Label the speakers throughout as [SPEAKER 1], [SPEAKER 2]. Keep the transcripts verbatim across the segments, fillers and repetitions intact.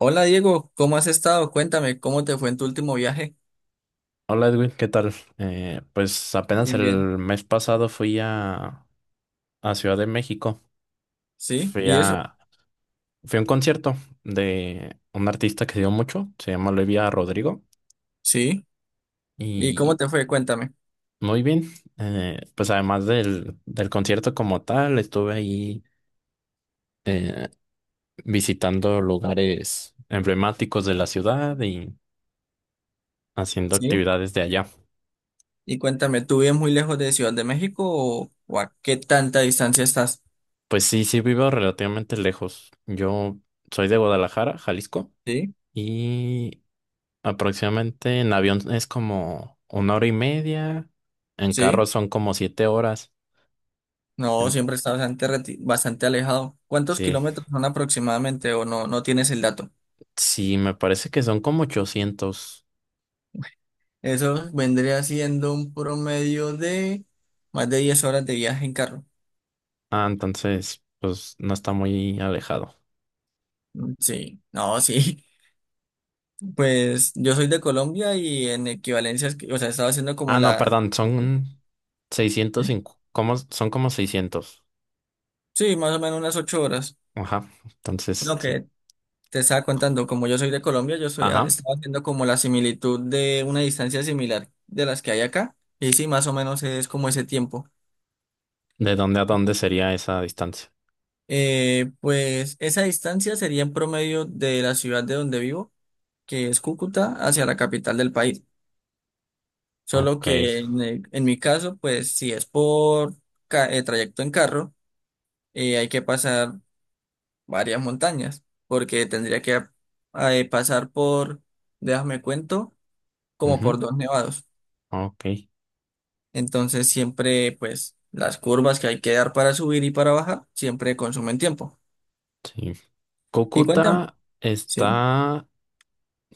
[SPEAKER 1] Hola Diego, ¿cómo has estado? Cuéntame, ¿cómo te fue en tu último viaje?
[SPEAKER 2] Hola Edwin, ¿qué tal? Eh, pues apenas
[SPEAKER 1] Bien,
[SPEAKER 2] el
[SPEAKER 1] bien.
[SPEAKER 2] mes pasado fui a, a Ciudad de México.
[SPEAKER 1] ¿Sí?
[SPEAKER 2] Fui
[SPEAKER 1] ¿Y eso?
[SPEAKER 2] a, fui a un concierto de un artista que dio mucho, se llama Olivia Rodrigo.
[SPEAKER 1] Sí. ¿Y cómo
[SPEAKER 2] Y
[SPEAKER 1] te fue? Cuéntame.
[SPEAKER 2] muy bien, eh, pues además del, del concierto como tal, estuve ahí eh, visitando lugares emblemáticos de la ciudad y haciendo
[SPEAKER 1] Sí.
[SPEAKER 2] actividades de allá.
[SPEAKER 1] Y cuéntame, ¿tú vives muy lejos de Ciudad de México o, o a qué tanta distancia estás?
[SPEAKER 2] Pues sí, sí vivo relativamente lejos. Yo soy de Guadalajara, Jalisco.
[SPEAKER 1] Sí.
[SPEAKER 2] Y aproximadamente en avión es como una hora y media, en
[SPEAKER 1] Sí.
[SPEAKER 2] carro son como siete horas.
[SPEAKER 1] No,
[SPEAKER 2] En-
[SPEAKER 1] siempre está bastante, reti- bastante alejado. ¿Cuántos
[SPEAKER 2] sí,
[SPEAKER 1] kilómetros son aproximadamente o no, no tienes el dato?
[SPEAKER 2] sí, me parece que son como ochocientos.
[SPEAKER 1] Eso vendría siendo un promedio de más de diez horas de viaje en carro.
[SPEAKER 2] Ah, entonces, pues no está muy alejado.
[SPEAKER 1] Mm, Sí, no, sí. Pues yo soy de Colombia y en equivalencias, que- o sea, estaba haciendo como
[SPEAKER 2] Ah, no,
[SPEAKER 1] la.
[SPEAKER 2] perdón, son seiscientos cinco, como, son como seiscientos.
[SPEAKER 1] Sí, más o menos unas ocho horas.
[SPEAKER 2] Ajá, entonces,
[SPEAKER 1] Lo
[SPEAKER 2] sí.
[SPEAKER 1] que te estaba contando, como yo soy de Colombia, yo soy, ah,
[SPEAKER 2] Ajá,
[SPEAKER 1] estaba haciendo como la similitud de una distancia similar de las que hay acá. Y sí, más o menos es como ese tiempo.
[SPEAKER 2] ¿de dónde a dónde sería esa distancia?
[SPEAKER 1] Eh, pues esa distancia sería en promedio de la ciudad de donde vivo, que es Cúcuta, hacia la capital del país. Solo
[SPEAKER 2] Ok,
[SPEAKER 1] que en, el- en mi caso, pues si es por ca- eh, trayecto en carro, eh, hay que pasar varias montañas, porque tendría que eh, pasar por, déjame cuento, como por
[SPEAKER 2] ujú,
[SPEAKER 1] dos nevados.
[SPEAKER 2] ok,
[SPEAKER 1] Entonces siempre, pues, las curvas que hay que dar para subir y para bajar, siempre consumen tiempo.
[SPEAKER 2] sí.
[SPEAKER 1] Y cuéntame,
[SPEAKER 2] Cúcuta
[SPEAKER 1] sí,
[SPEAKER 2] está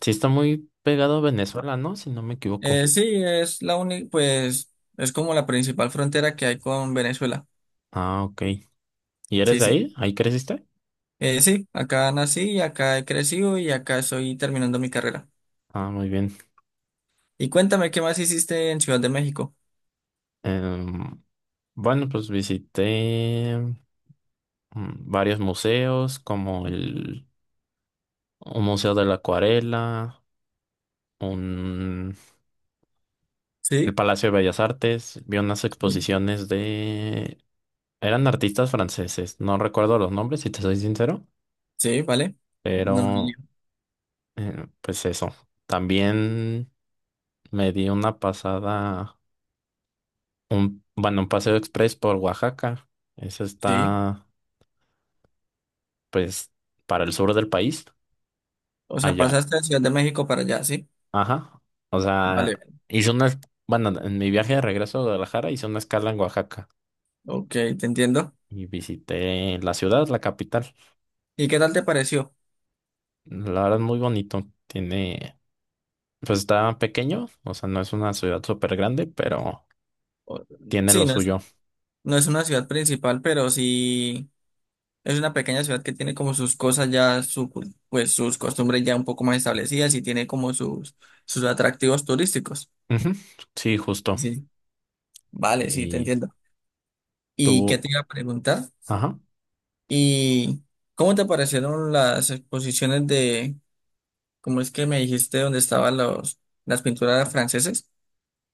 [SPEAKER 2] Sí está muy pegado a Venezuela, ¿no? Si no me equivoco.
[SPEAKER 1] Eh, sí, es la única, pues, es como la principal frontera que hay con Venezuela.
[SPEAKER 2] Ah, ok. ¿Y eres
[SPEAKER 1] Sí,
[SPEAKER 2] de
[SPEAKER 1] sí.
[SPEAKER 2] ahí? ¿Ahí creciste?
[SPEAKER 1] Eh, sí, acá nací, acá he crecido y acá estoy terminando mi carrera.
[SPEAKER 2] Ah, muy bien.
[SPEAKER 1] Y cuéntame, ¿qué más hiciste en Ciudad de México?
[SPEAKER 2] Em, bueno, pues visité mm, varios museos, como el un Museo de la Acuarela, un, el
[SPEAKER 1] Sí,
[SPEAKER 2] Palacio de Bellas Artes. Vi unas
[SPEAKER 1] sí,
[SPEAKER 2] exposiciones de... Eran artistas franceses, no recuerdo los nombres, si te soy sincero,
[SPEAKER 1] sí, vale. No, no,
[SPEAKER 2] pero
[SPEAKER 1] no.
[SPEAKER 2] eh, pues eso. También me di una pasada Un, bueno, un paseo express por Oaxaca. Eso
[SPEAKER 1] sí.
[SPEAKER 2] está, pues, para el sur del país,
[SPEAKER 1] O sea,
[SPEAKER 2] allá.
[SPEAKER 1] pasaste de Ciudad de México para allá, ¿sí?
[SPEAKER 2] Ajá. O sea,
[SPEAKER 1] Vale,
[SPEAKER 2] hice una, es- bueno, en mi viaje de regreso a Guadalajara hice una escala en Oaxaca
[SPEAKER 1] ok, te entiendo.
[SPEAKER 2] y visité la ciudad, la capital.
[SPEAKER 1] ¿Y qué tal te pareció?
[SPEAKER 2] La verdad, muy bonito. Tiene, pues está pequeño, o sea, no es una ciudad súper grande, pero
[SPEAKER 1] O-
[SPEAKER 2] tiene
[SPEAKER 1] Sí,
[SPEAKER 2] lo
[SPEAKER 1] no es,
[SPEAKER 2] suyo.
[SPEAKER 1] no es una ciudad principal, pero sí es una pequeña ciudad que tiene como sus cosas ya, su, cul- pues sus costumbres ya un poco más establecidas y tiene como sus, sus atractivos turísticos.
[SPEAKER 2] Ujú, sí, justo.
[SPEAKER 1] Sí, vale, sí, te
[SPEAKER 2] Y
[SPEAKER 1] entiendo. ¿Y qué
[SPEAKER 2] tú,
[SPEAKER 1] te iba a preguntar?
[SPEAKER 2] ajá.
[SPEAKER 1] ¿Y cómo te parecieron las exposiciones de, cómo es que me dijiste, dónde estaban los, las pinturas franceses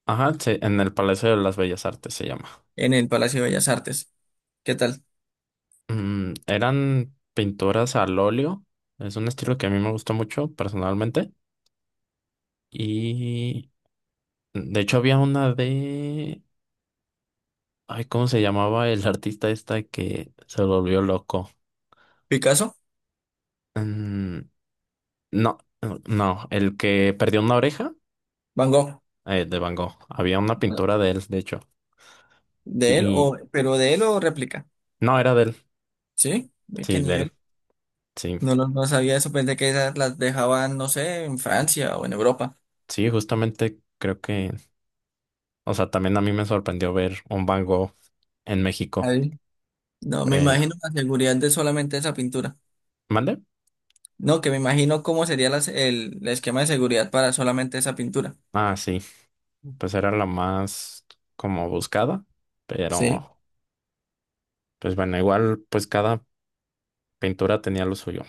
[SPEAKER 2] Ajá, sí, en el Palacio de las Bellas Artes se llama.
[SPEAKER 1] en el Palacio de Bellas Artes? ¿Qué tal?
[SPEAKER 2] Mm, eran pinturas al óleo. Es un estilo que a mí me gustó mucho personalmente. Y mm, de hecho había una de... Ay, ¿cómo se llamaba el artista esta que se volvió loco?
[SPEAKER 1] Picasso,
[SPEAKER 2] Mm, no, no, no, el que perdió una oreja,
[SPEAKER 1] Van Gogh,
[SPEAKER 2] eh, de Van Gogh. Había una pintura de él, de hecho.
[SPEAKER 1] de él
[SPEAKER 2] Y
[SPEAKER 1] o, pero de él o réplica,
[SPEAKER 2] no, era de él.
[SPEAKER 1] ¿sí? ¿Ve qué
[SPEAKER 2] Sí, de
[SPEAKER 1] nivel?
[SPEAKER 2] él. Sí,
[SPEAKER 1] No, lo- no, sabía eso, pensé que esas las dejaban, no sé, en Francia o en Europa.
[SPEAKER 2] sí, justamente creo que... O sea, también a mí me sorprendió ver un Van Gogh en México.
[SPEAKER 1] Ahí. No, me imagino
[SPEAKER 2] Pero...
[SPEAKER 1] la seguridad de solamente esa pintura.
[SPEAKER 2] ¿Mande?
[SPEAKER 1] No, que me imagino cómo sería las- el, el esquema de seguridad para solamente esa pintura.
[SPEAKER 2] Ah, sí. Pues era la más como buscada,
[SPEAKER 1] Sí,
[SPEAKER 2] pero pues bueno, igual pues cada pintura tenía lo suyo.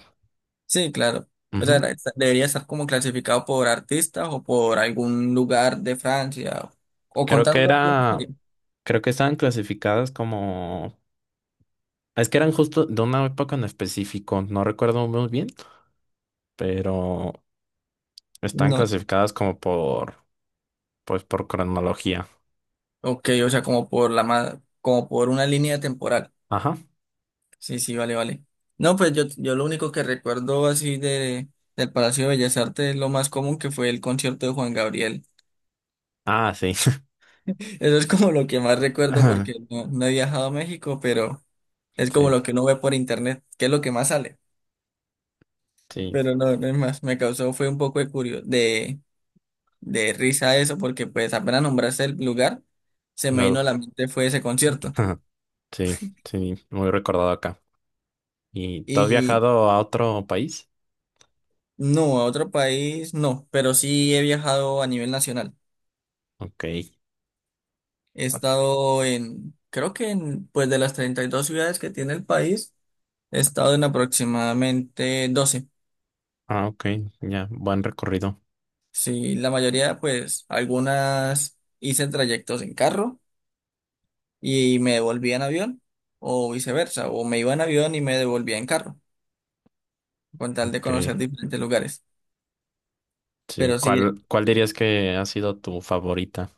[SPEAKER 1] sí, claro. O sea,
[SPEAKER 2] Ujú.
[SPEAKER 1] era- esta- debería estar como clasificado por artistas o por algún lugar de Francia o, o
[SPEAKER 2] Creo que
[SPEAKER 1] contando alguna
[SPEAKER 2] era,
[SPEAKER 1] historia.
[SPEAKER 2] Creo que estaban clasificadas como, es que eran justo de una época en específico, no recuerdo muy bien, pero están
[SPEAKER 1] No,
[SPEAKER 2] clasificadas como por, pues por cronología.
[SPEAKER 1] ok, o sea, como por la ma- como por una línea temporal.
[SPEAKER 2] Ajá.
[SPEAKER 1] Sí, sí, vale, vale. No, pues yo, yo lo único que recuerdo así de del Palacio de Bellas Artes es lo más común que fue el concierto de Juan Gabriel.
[SPEAKER 2] Ah, sí.
[SPEAKER 1] Eso es como lo que más recuerdo porque no, no he viajado a México, pero es como
[SPEAKER 2] Sí,
[SPEAKER 1] lo que uno ve por internet, que es lo que más sale.
[SPEAKER 2] sí.
[SPEAKER 1] Pero no, no es más, me causó fue un poco de curio, de, de risa eso, porque pues apenas nombraste el lugar, se me vino
[SPEAKER 2] Luego,
[SPEAKER 1] a la mente fue ese concierto.
[SPEAKER 2] sí, sí, muy recordado acá. ¿Y tú has viajado a otro país?
[SPEAKER 1] No, a otro país no, pero sí he viajado a nivel nacional.
[SPEAKER 2] Ok.
[SPEAKER 1] He estado en, creo que en, pues de las treinta y dos ciudades que tiene el país, he estado en aproximadamente doce.
[SPEAKER 2] Ah, ok, ya, buen recorrido.
[SPEAKER 1] Sí, la mayoría, pues algunas hice trayectos en carro y me devolvía en avión o viceversa, o me iba en avión y me devolvía en carro, con tal de
[SPEAKER 2] Ok,
[SPEAKER 1] conocer diferentes lugares.
[SPEAKER 2] sí.
[SPEAKER 1] Pero sí,
[SPEAKER 2] ¿Cuál, cuál dirías que ha sido tu favorita?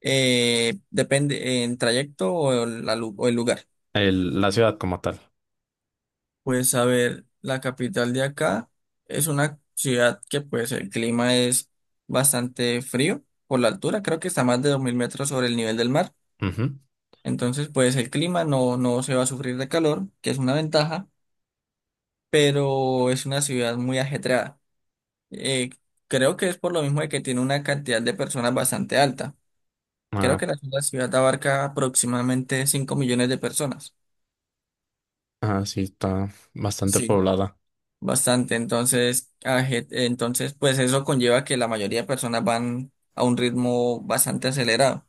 [SPEAKER 1] eh, depende en trayecto o el la lu- o el lugar.
[SPEAKER 2] El, la ciudad como tal.
[SPEAKER 1] Pues a ver, la capital de acá es una ciudad que pues el clima es bastante frío por la altura, creo que está más de dos mil metros sobre el nivel del mar,
[SPEAKER 2] Ujú.
[SPEAKER 1] entonces pues el clima no, no se va a sufrir de calor, que es una ventaja, pero es una ciudad muy ajetreada. Eh, Creo que es por lo mismo de que tiene una cantidad de personas bastante alta.
[SPEAKER 2] Ah,
[SPEAKER 1] Creo que
[SPEAKER 2] ok.
[SPEAKER 1] la la ciudad abarca aproximadamente cinco millones de personas.
[SPEAKER 2] Ah, sí, está bastante
[SPEAKER 1] Sí.
[SPEAKER 2] poblada.
[SPEAKER 1] Bastante, entonces, a entonces, pues eso conlleva que la mayoría de personas van a un ritmo bastante acelerado.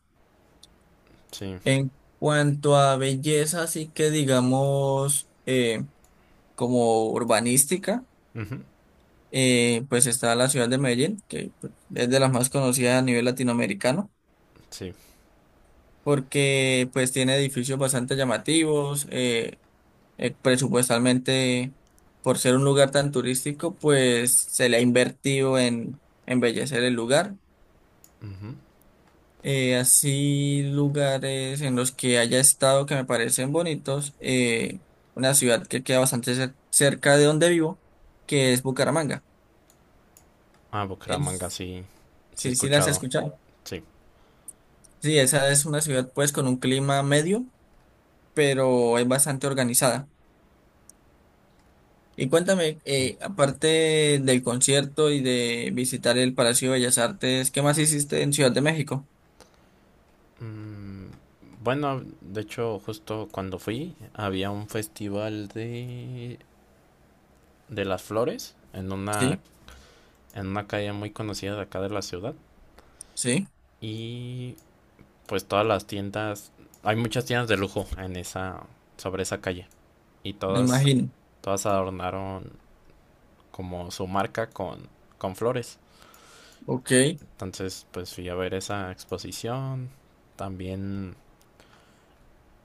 [SPEAKER 2] Sí,
[SPEAKER 1] En cuanto a belleza, sí que digamos, eh, como urbanística,
[SPEAKER 2] ujú,
[SPEAKER 1] eh, pues está la ciudad de Medellín, que pues, es de las más conocidas a nivel latinoamericano,
[SPEAKER 2] sí,
[SPEAKER 1] porque pues tiene edificios bastante llamativos, eh, eh, presupuestalmente, por ser un lugar tan turístico, pues se le ha invertido en embellecer el lugar.
[SPEAKER 2] ujú.
[SPEAKER 1] Eh, así, lugares en los que haya estado que me parecen bonitos. Eh, una ciudad que queda bastante cer- cerca de donde vivo, que es Bucaramanga.
[SPEAKER 2] Ah, Bucaramanga,
[SPEAKER 1] Es-
[SPEAKER 2] sí, sí he
[SPEAKER 1] sí, sí las he
[SPEAKER 2] escuchado,
[SPEAKER 1] escuchado.
[SPEAKER 2] sí.
[SPEAKER 1] Sí, esa es una ciudad pues con un clima medio, pero es bastante organizada. Y cuéntame,
[SPEAKER 2] Ay,
[SPEAKER 1] eh, aparte del concierto y de visitar el Palacio de Bellas Artes, ¿qué más hiciste en Ciudad de México?
[SPEAKER 2] mm, bueno, de hecho, justo cuando fui, había un festival de, de, las flores en una,
[SPEAKER 1] Sí,
[SPEAKER 2] en una calle muy conocida de acá de la ciudad.
[SPEAKER 1] sí,
[SPEAKER 2] Y pues todas las tiendas, hay muchas tiendas de lujo en esa, sobre esa calle y
[SPEAKER 1] me
[SPEAKER 2] todas,
[SPEAKER 1] imagino.
[SPEAKER 2] todas adornaron como su marca con, con flores.
[SPEAKER 1] Ok,
[SPEAKER 2] Entonces, pues fui a ver esa exposición. También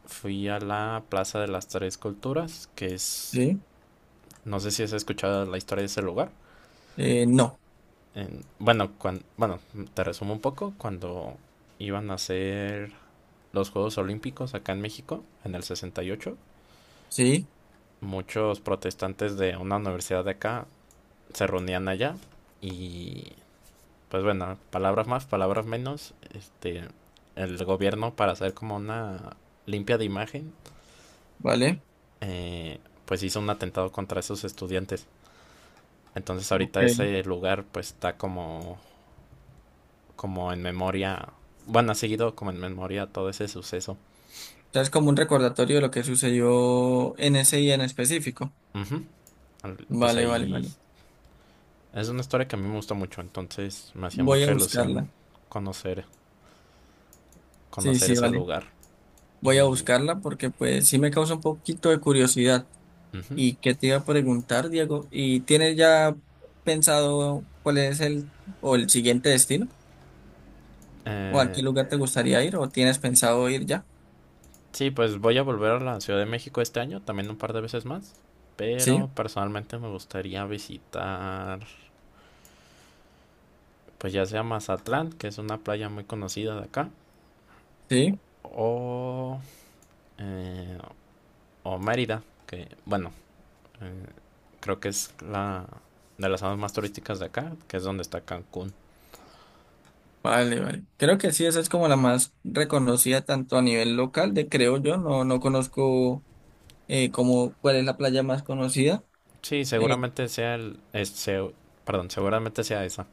[SPEAKER 2] fui a la Plaza de las Tres Culturas, que es,
[SPEAKER 1] sí,
[SPEAKER 2] no sé si has escuchado la historia de ese lugar.
[SPEAKER 1] eh, no,
[SPEAKER 2] En- bueno, cuan- bueno, Te resumo un poco, cuando iban a hacer los Juegos Olímpicos acá en México, en el sesenta y ocho,
[SPEAKER 1] sí,
[SPEAKER 2] muchos protestantes de una universidad de acá se reunían allá y pues bueno, palabras más, palabras menos, este, el gobierno, para hacer como una limpia de imagen,
[SPEAKER 1] vale.
[SPEAKER 2] eh, pues hizo un atentado contra esos estudiantes. Entonces
[SPEAKER 1] Ok.
[SPEAKER 2] ahorita
[SPEAKER 1] O
[SPEAKER 2] ese lugar pues está como, como, en memoria, bueno, ha seguido como en memoria todo ese suceso.
[SPEAKER 1] sea, es como un recordatorio de lo que sucedió en ese día en específico.
[SPEAKER 2] Ujú. Al- Pues
[SPEAKER 1] Vale, vale,
[SPEAKER 2] ahí
[SPEAKER 1] vale.
[SPEAKER 2] es una historia que a mí me gusta mucho, entonces me hacía
[SPEAKER 1] Voy a
[SPEAKER 2] mucha ilusión
[SPEAKER 1] buscarla.
[SPEAKER 2] conocer,
[SPEAKER 1] Sí,
[SPEAKER 2] conocer
[SPEAKER 1] sí,
[SPEAKER 2] ese
[SPEAKER 1] vale.
[SPEAKER 2] lugar.
[SPEAKER 1] Voy a
[SPEAKER 2] Y...
[SPEAKER 1] buscarla porque pues sí me causa un poquito de curiosidad.
[SPEAKER 2] Ujú.
[SPEAKER 1] ¿Y qué te iba a preguntar, Diego? ¿Y tienes ya pensado cuál es el o el siguiente destino? ¿O a
[SPEAKER 2] Eh,
[SPEAKER 1] qué lugar te gustaría ir? ¿O tienes pensado ir ya?
[SPEAKER 2] sí, pues voy a volver a la Ciudad de México este año, también un par de veces más.
[SPEAKER 1] Sí,
[SPEAKER 2] Pero personalmente me gustaría visitar, pues ya sea Mazatlán, que es una playa muy conocida de acá,
[SPEAKER 1] sí.
[SPEAKER 2] o, eh, o Mérida, que bueno, eh, creo que es la de las zonas más turísticas de acá, que es donde está Cancún.
[SPEAKER 1] Vale, vale. Creo que sí, esa es como la más reconocida tanto a nivel local, de creo yo. No, no conozco eh, como cuál es la playa más conocida.
[SPEAKER 2] Sí,
[SPEAKER 1] Eh,
[SPEAKER 2] seguramente sea el, es- se- perdón, seguramente sea esa.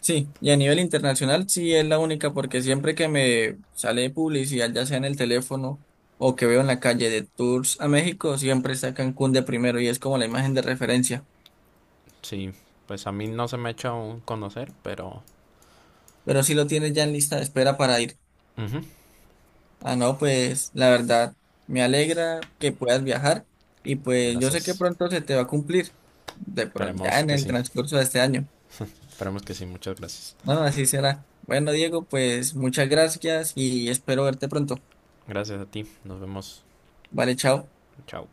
[SPEAKER 1] sí, y a nivel internacional sí es la única porque siempre que me sale publicidad, ya sea en el teléfono o que veo en la calle de tours a México, siempre está Cancún de primero y es como la imagen de referencia.
[SPEAKER 2] Sí, pues a mí no se me ha hecho aún conocer, pero
[SPEAKER 1] Pero si lo tienes ya en lista de espera para ir.
[SPEAKER 2] ujú.
[SPEAKER 1] Ah, no, pues la verdad, me alegra que puedas viajar y pues yo sé que
[SPEAKER 2] Gracias.
[SPEAKER 1] pronto se te va a cumplir, de pronto, ya
[SPEAKER 2] Esperemos
[SPEAKER 1] en
[SPEAKER 2] que
[SPEAKER 1] el
[SPEAKER 2] sí.
[SPEAKER 1] transcurso de este año.
[SPEAKER 2] Esperemos que sí. Muchas gracias.
[SPEAKER 1] Bueno, así será. Bueno, Diego, pues muchas gracias y espero verte pronto.
[SPEAKER 2] Gracias a ti. Nos vemos.
[SPEAKER 1] Vale, chao.
[SPEAKER 2] Chao.